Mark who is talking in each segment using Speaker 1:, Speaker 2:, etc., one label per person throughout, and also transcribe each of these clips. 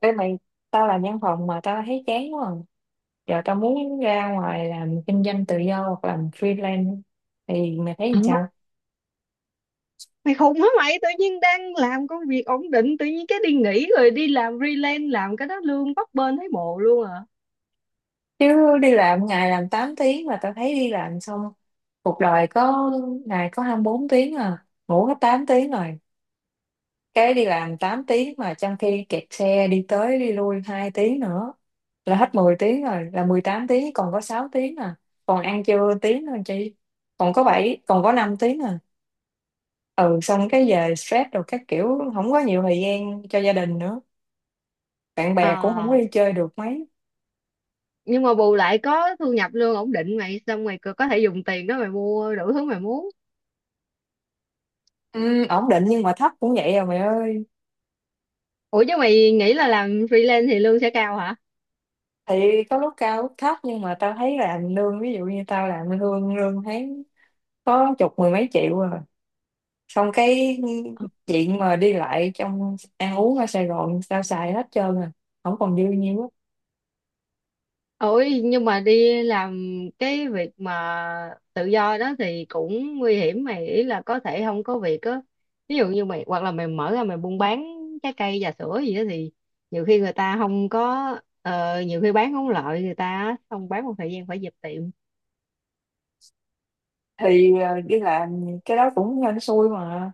Speaker 1: Ê mày, tao làm văn phòng mà tao thấy chán quá à. Giờ tao muốn ra ngoài làm kinh doanh tự do hoặc làm freelance thì mày thấy
Speaker 2: Ờ,
Speaker 1: làm sao?
Speaker 2: mày khùng hả? Mày tự nhiên đang làm công việc ổn định tự nhiên cái đi nghỉ rồi đi làm freelance, làm cái đó lương bấp bênh thấy mồ luôn à.
Speaker 1: Chứ đi làm ngày làm 8 tiếng mà tao thấy đi làm xong cuộc đời có ngày có 24 tiếng à, ngủ hết 8 tiếng rồi. Cái đi làm 8 tiếng mà trong khi kẹt xe đi tới đi lui 2 tiếng nữa là hết 10 tiếng rồi, là 18 tiếng còn có 6 tiếng à. Còn ăn trưa tiếng thôi chị. Còn có 7 còn có 5 tiếng à. Ừ Xong cái về stress rồi các kiểu, không có nhiều thời gian cho gia đình nữa, bạn bè cũng không có
Speaker 2: À,
Speaker 1: đi chơi được mấy.
Speaker 2: nhưng mà bù lại có thu nhập lương ổn định mày, xong mày có thể dùng tiền đó mày mua đủ thứ mày muốn.
Speaker 1: Ừ, Ổn định nhưng mà thấp cũng vậy à mày ơi.
Speaker 2: Ủa, chứ mày nghĩ là làm freelance thì lương sẽ cao hả?
Speaker 1: Thì có lúc cao lúc thấp, nhưng mà tao thấy làm lương, ví dụ như tao làm lương lương tháng có chục mười mấy triệu rồi, xong cái chuyện mà đi lại, trong ăn uống ở Sài Gòn tao xài hết trơn à, không còn dư nhiêu á.
Speaker 2: Ôi, nhưng mà đi làm cái việc mà tự do đó thì cũng nguy hiểm mày, ý là có thể không có việc á. Ví dụ như mày, hoặc là mày mở ra mày buôn bán trái cây trà sữa gì đó thì nhiều khi người ta không có, nhiều khi bán không lợi người ta á, xong bán một thời gian phải dẹp tiệm.
Speaker 1: Thì đi làm cái đó cũng hên xui mà.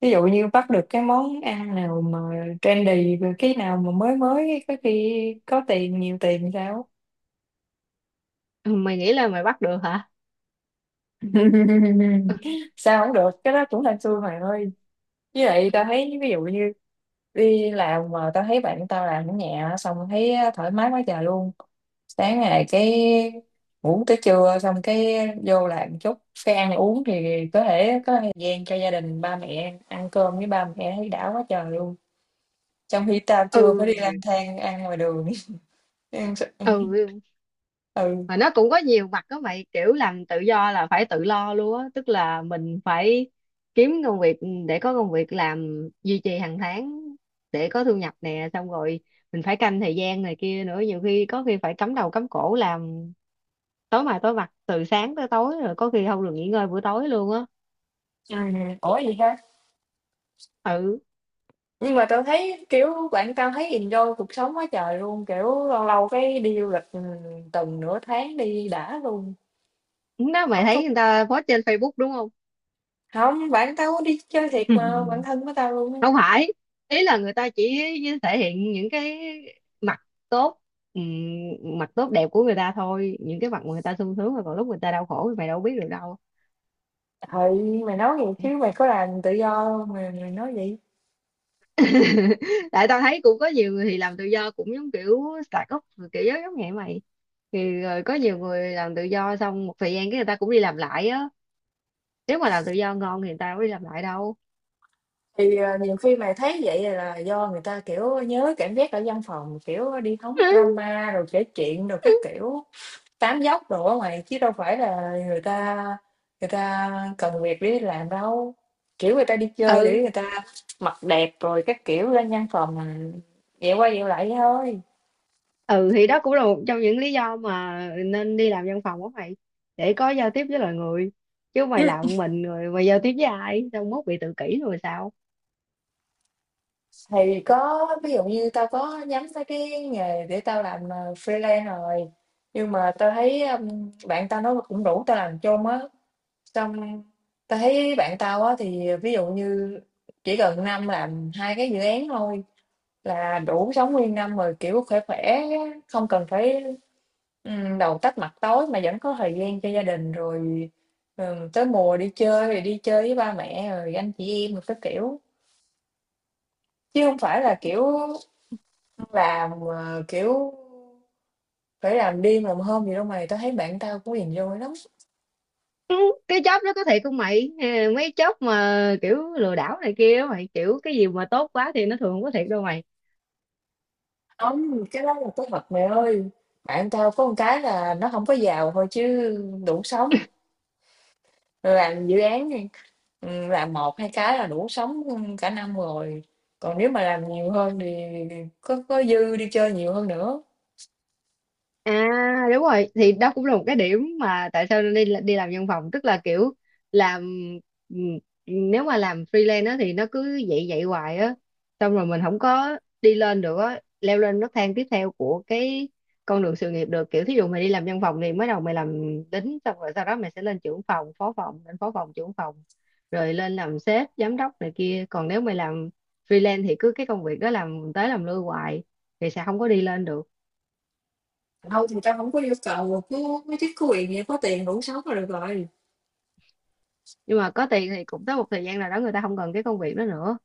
Speaker 1: Ví dụ như bắt được cái món ăn nào mà trendy rồi, cái nào mà mới mới có khi có tiền, nhiều tiền sao.
Speaker 2: Ừ, mày nghĩ là mày bắt được hả?
Speaker 1: Sao không được, cái đó cũng hên xui mày ơi. Với lại tao thấy, ví dụ như đi làm mà tao thấy bạn tao làm ở nhà, xong thấy thoải mái quá trời luôn. Sáng ngày cái ngủ tới trưa, xong cái vô làm chút, cái ăn uống thì có thể có thời gian cho gia đình, ba mẹ ăn cơm với ba mẹ thấy đã quá trời luôn. Trong khi tao chưa có, đi
Speaker 2: Ừ.
Speaker 1: lang thang ăn ngoài đường. Em sẽ
Speaker 2: Ừ,
Speaker 1: ừ,
Speaker 2: mà nó cũng có nhiều mặt đó mày, kiểu làm tự do là phải tự lo luôn á, tức là mình phải kiếm công việc, để có công việc làm duy trì hàng tháng, để có thu nhập nè, xong rồi mình phải canh thời gian này kia nữa, nhiều khi có khi phải cắm đầu cắm cổ làm tối mai tối mặt từ sáng tới tối, rồi có khi không được nghỉ ngơi buổi tối luôn á.
Speaker 1: ủa gì ha?
Speaker 2: Ừ,
Speaker 1: Nhưng mà tao thấy, kiểu, bạn tao thấy enjoy cuộc sống quá trời luôn, kiểu, lâu lâu cái đi du lịch, tuần nửa tháng đi đã luôn.
Speaker 2: đó mày
Speaker 1: Không có,
Speaker 2: thấy người ta post trên Facebook đúng không?
Speaker 1: không. Bạn tao có đi chơi thiệt mà, bạn thân của tao luôn á.
Speaker 2: Không phải, ý là người ta chỉ thể hiện những cái mặt tốt, ừm, mặt tốt đẹp của người ta thôi, những cái mặt mà người ta sung sướng, rồi còn lúc người ta đau khổ thì mày đâu biết được đâu.
Speaker 1: Ừ, mày nói vậy chứ mày có làm tự do hông mà mày nói vậy?
Speaker 2: Tại tao thấy cũng có nhiều người thì làm tự do cũng giống kiểu start up rồi, kiểu giống giống vậy mày, thì rồi có nhiều người làm tự do xong một thời gian cái người ta cũng đi làm lại á. Nếu mà làm tự do ngon thì người ta đâu có đi làm lại đâu.
Speaker 1: Thì, ờ, nhiều khi mày thấy vậy là do người ta, kiểu, nhớ cảm giác ở văn phòng, kiểu, đi hóng drama rồi kể chuyện rồi các kiểu. Tám dốc đồ ở ngoài, chứ đâu phải là người ta cần việc để đi làm đâu. Kiểu người ta đi chơi để
Speaker 2: Ừ.
Speaker 1: người ta mặc đẹp rồi các kiểu, ra văn phòng dẹo qua dẹo lại vậy thôi.
Speaker 2: Ừ, thì đó cũng là một trong những lý do mà nên đi làm văn phòng của mày, để có giao tiếp với loài người, chứ mày
Speaker 1: Ừ.
Speaker 2: làm một mình rồi mày giao tiếp với ai, xong mốt bị tự kỷ rồi sao.
Speaker 1: Thì có, ví dụ như tao có nhắm tới cái nghề để tao làm, freelance rồi. Nhưng mà tao thấy, bạn tao nó cũng rủ tao làm chung á, xong tao thấy bạn tao á thì ví dụ như chỉ cần năm làm hai cái dự án thôi là đủ sống nguyên năm rồi, kiểu khỏe khỏe, không cần phải đầu tách mặt tối, mà vẫn có thời gian cho gia đình rồi. Tới mùa đi chơi thì đi chơi với ba mẹ rồi anh chị em rồi các kiểu, chứ không phải là kiểu làm, kiểu phải làm đêm làm hôm gì đâu mày. Tao thấy bạn tao cũng hiền vô lắm.
Speaker 2: Ừ, cái job đó có thiệt không mày? Ừ, mấy job mà kiểu lừa đảo này kia á mày, kiểu cái gì mà tốt quá thì nó thường không có thiệt đâu mày.
Speaker 1: Không, cái đó là cái thật mày ơi. Bạn tao có một cái là nó không có giàu thôi, chứ đủ sống. Làm dự án, ừ, làm một hai cái là đủ sống cả năm rồi. Còn nếu mà làm nhiều hơn thì có dư đi chơi nhiều hơn nữa.
Speaker 2: À đúng rồi, thì đó cũng là một cái điểm mà tại sao nên đi đi làm văn phòng, tức là kiểu làm, ừm, nếu mà làm freelance á thì nó cứ vậy vậy hoài á, xong rồi mình không có đi lên được á, leo lên nấc thang tiếp theo của cái con đường sự nghiệp được, kiểu thí dụ mày đi làm văn phòng thì mới đầu mày làm lính, xong rồi sau đó mày sẽ lên trưởng phòng phó phòng, lên phó phòng trưởng phòng, rồi lên làm sếp giám đốc này kia. Còn nếu mày làm freelance thì cứ cái công việc đó làm tới làm lui hoài thì sẽ không có đi lên được.
Speaker 1: Thôi thì tao không có yêu cầu cứ mấy cái quyền gì, có tiền đủ sống là được rồi.
Speaker 2: Nhưng mà có tiền thì cũng tới một thời gian nào đó người ta không cần cái công việc đó nữa,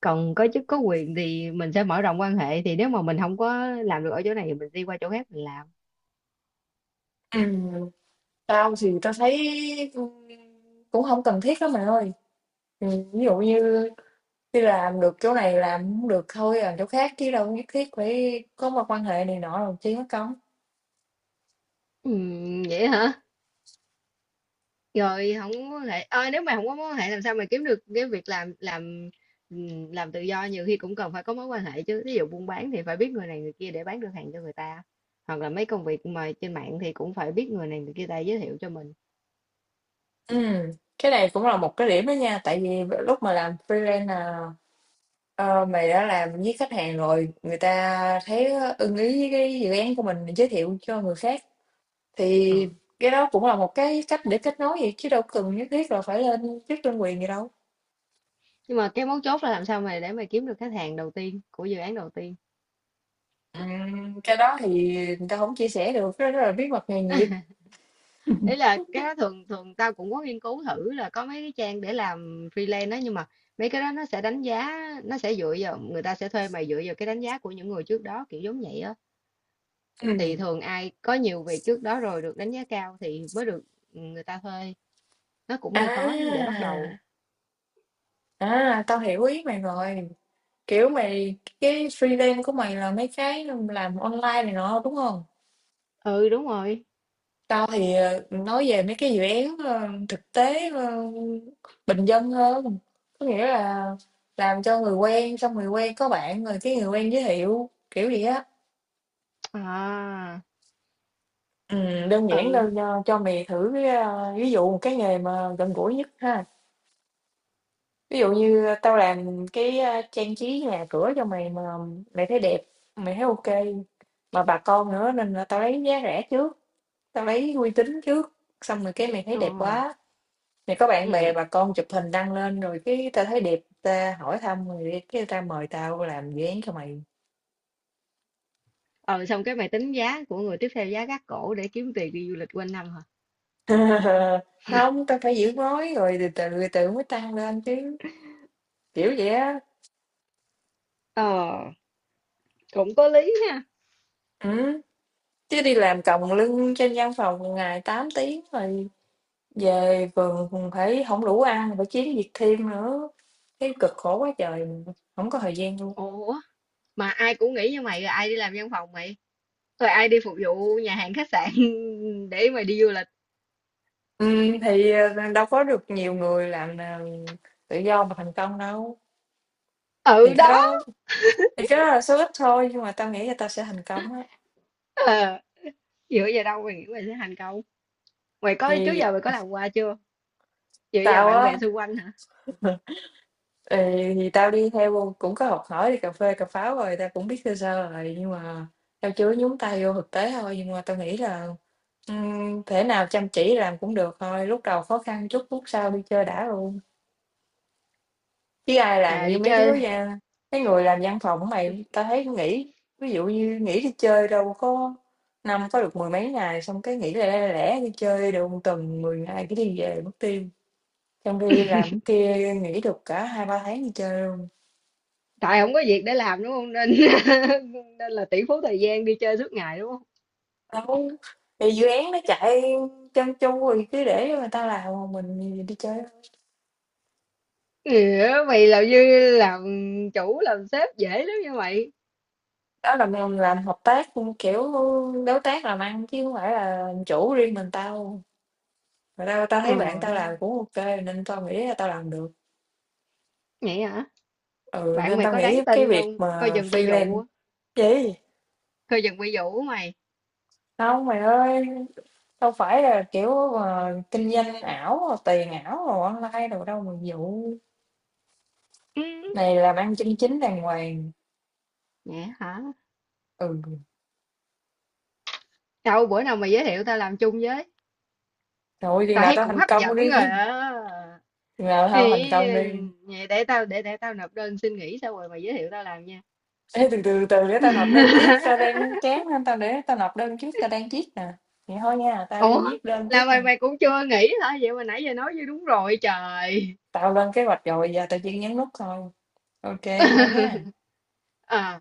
Speaker 2: còn có chức có quyền thì mình sẽ mở rộng quan hệ, thì nếu mà mình không có làm được ở chỗ này thì mình đi qua chỗ khác mình làm.
Speaker 1: Ừ. Tao thì tao thấy cũng không cần thiết lắm mày ơi. Ừ, ví dụ như đi làm được chỗ này, làm không được thôi làm chỗ khác, chứ đâu nhất thiết phải có một quan hệ này nọ rồi chứ có công.
Speaker 2: Ừ, vậy hả? Rồi không có mối quan hệ. Ờ, nếu mà không có mối quan hệ làm sao mà kiếm được cái việc làm, làm tự do nhiều khi cũng cần phải có mối quan hệ chứ, ví dụ buôn bán thì phải biết người này người kia để bán được hàng cho người ta, hoặc là mấy công việc mà trên mạng thì cũng phải biết người này người kia ta giới thiệu cho mình.
Speaker 1: Ừ. Cái này cũng là một cái điểm đó nha, tại vì lúc mà làm freelance là, ờ, mày đã làm với khách hàng rồi, người ta thấy ưng ý với cái dự án của mình giới thiệu cho người khác,
Speaker 2: Ờ.
Speaker 1: thì cái đó cũng là một cái cách để kết nối, vậy chứ đâu cần nhất thiết là phải lên chức đơn quyền gì đâu.
Speaker 2: Nhưng mà cái mấu chốt là làm sao mà để mà kiếm được khách hàng đầu tiên của dự án đầu tiên.
Speaker 1: Cái đó thì người ta không chia sẻ được, cái đó là bí mật nghề nghiệp.
Speaker 2: Ý là cái đó thường thường tao cũng có nghiên cứu thử là có mấy cái trang để làm freelance đó, nhưng mà mấy cái đó nó sẽ đánh giá, nó sẽ dựa vào, người ta sẽ thuê mày dựa vào cái đánh giá của những người trước đó kiểu giống vậy á. Thì
Speaker 1: Ừm.
Speaker 2: thường ai có nhiều việc trước đó rồi được đánh giá cao thì mới được, người ta thuê, nó cũng hơi khó để
Speaker 1: À,
Speaker 2: bắt đầu.
Speaker 1: à, tao hiểu ý mày rồi. Kiểu mày, cái freelance của mày là mấy cái làm online này nọ đúng không?
Speaker 2: Ừ đúng rồi.
Speaker 1: Tao thì nói về mấy cái dự án, thực tế, bình dân hơn. Có nghĩa là làm cho người quen, xong người quen có bạn rồi cái người quen giới thiệu kiểu gì á.
Speaker 2: À.
Speaker 1: Ừ, đơn giản đâu,
Speaker 2: Ừ.
Speaker 1: cho mày thử cái, ví dụ một cái nghề mà gần gũi nhất ha. Ví dụ như tao làm cái, trang trí nhà cửa cho mày. Mà mày thấy đẹp, mày thấy ok, mà bà con nữa nên là tao lấy giá rẻ trước, tao lấy uy tín trước. Xong rồi cái mày thấy
Speaker 2: Ờ.
Speaker 1: đẹp quá này, có bạn
Speaker 2: Ừ.
Speaker 1: bè bà con chụp hình đăng lên, rồi cái tao thấy đẹp, ta hỏi thăm rồi đi, cái ta mời tao làm dự án cho mày.
Speaker 2: Ừ, xong cái mày tính giá của người tiếp theo giá gác cổ để kiếm tiền đi du lịch quanh năm hả?
Speaker 1: Không, tao phải giữ mối rồi từ từ từ mới tăng lên chứ, kiểu vậy á.
Speaker 2: Ờ, cũng có lý ha.
Speaker 1: Ừ. Chứ đi làm còng lưng trên văn phòng ngày 8 tiếng rồi, về vườn phải không đủ ăn, phải kiếm việc thêm nữa, cái cực khổ quá trời, không có thời gian luôn.
Speaker 2: Ủa, mà ai cũng nghĩ như mày rồi ai đi làm văn phòng mày, rồi ai đi phục vụ nhà hàng khách sạn để mà đi du lịch.
Speaker 1: Ừ, thì đâu có được nhiều người làm tự do mà thành công đâu. thì
Speaker 2: Ừ
Speaker 1: cái
Speaker 2: đó.
Speaker 1: đó Thì cái đó là số ít thôi, nhưng mà tao nghĩ là tao sẽ thành công á.
Speaker 2: Ờ, dựa vào đâu mày nghĩ mày sẽ thành công? Mày có, trước
Speaker 1: Thì
Speaker 2: giờ mày có làm qua chưa? Dựa vào
Speaker 1: tao
Speaker 2: bạn
Speaker 1: á,
Speaker 2: bè xung quanh hả?
Speaker 1: ừ, thì tao đi theo cũng có học hỏi, đi cà phê cà pháo rồi, tao cũng biết sơ sơ rồi, nhưng mà tao chưa nhúng tay vô thực tế thôi. Nhưng mà tao nghĩ là thể nào chăm chỉ làm cũng được thôi, lúc đầu khó khăn chút, lúc sau đi chơi đã luôn. Chứ ai làm
Speaker 2: À
Speaker 1: như
Speaker 2: đi chơi.
Speaker 1: mấy người làm văn phòng mày, tao thấy nghỉ, ví dụ như nghỉ đi chơi đâu có, năm có được mười mấy ngày, xong cái nghỉ lẻ lẻ lẻ đi chơi được một tuần 10 ngày cái đi về mất tiêu. Trong khi làm cái kia nghỉ được cả hai ba tháng đi chơi luôn.
Speaker 2: Tại không có việc để làm đúng không nên nên là tỷ phú thời gian đi chơi suốt ngày đúng không?
Speaker 1: Đâu, thì dự án nó chạy chân chu rồi cứ để người ta làm, còn mình đi chơi.
Speaker 2: Ừ, mày làm như làm chủ làm sếp dễ lắm như mày.
Speaker 1: Đó là mình làm hợp tác, kiểu đối tác làm ăn chứ không phải là làm chủ riêng mình tao. Mà tao tao
Speaker 2: Ừ,
Speaker 1: thấy bạn tao làm cũng ok nên tao nghĩ là tao làm được.
Speaker 2: vậy hả?
Speaker 1: Ừ,
Speaker 2: Bạn
Speaker 1: nên
Speaker 2: mày
Speaker 1: tao
Speaker 2: có đáng
Speaker 1: nghĩ cái
Speaker 2: tin
Speaker 1: việc
Speaker 2: không, coi
Speaker 1: mà
Speaker 2: chừng bị
Speaker 1: freelance
Speaker 2: dụ.
Speaker 1: gì
Speaker 2: Coi chừng bị dụ mày.
Speaker 1: không mày ơi, đâu phải là kiểu mà kinh doanh ảo, tiền ảo rồi online đồ đâu mà vụ,
Speaker 2: Ừ,
Speaker 1: này làm ăn chân chính đàng hoàng.
Speaker 2: vậy hả?
Speaker 1: Ừ,
Speaker 2: Đâu bữa nào mà giới thiệu tao làm chung với.
Speaker 1: thôi
Speaker 2: Tao thấy cũng hấp dẫn rồi
Speaker 1: chừng
Speaker 2: á.
Speaker 1: nào tao thành
Speaker 2: Ý,
Speaker 1: công đi.
Speaker 2: vậy để tao để tao nộp đơn xin nghỉ xong rồi mày giới thiệu tao làm nha.
Speaker 1: Ê, từ từ từ để tao nộp đơn trước, tao đang chán nên tao để tao nộp đơn trước, tao đang viết nè. Vậy thôi nha, tao đi
Speaker 2: Ủa,
Speaker 1: viết đơn tiếp
Speaker 2: là
Speaker 1: nè.
Speaker 2: mày mày cũng chưa nghỉ hả? Vậy mà nãy giờ nói như đúng rồi trời.
Speaker 1: Tao lên kế hoạch rồi, giờ tao chỉ nhấn nút thôi. Ok, thôi nha.
Speaker 2: Ờ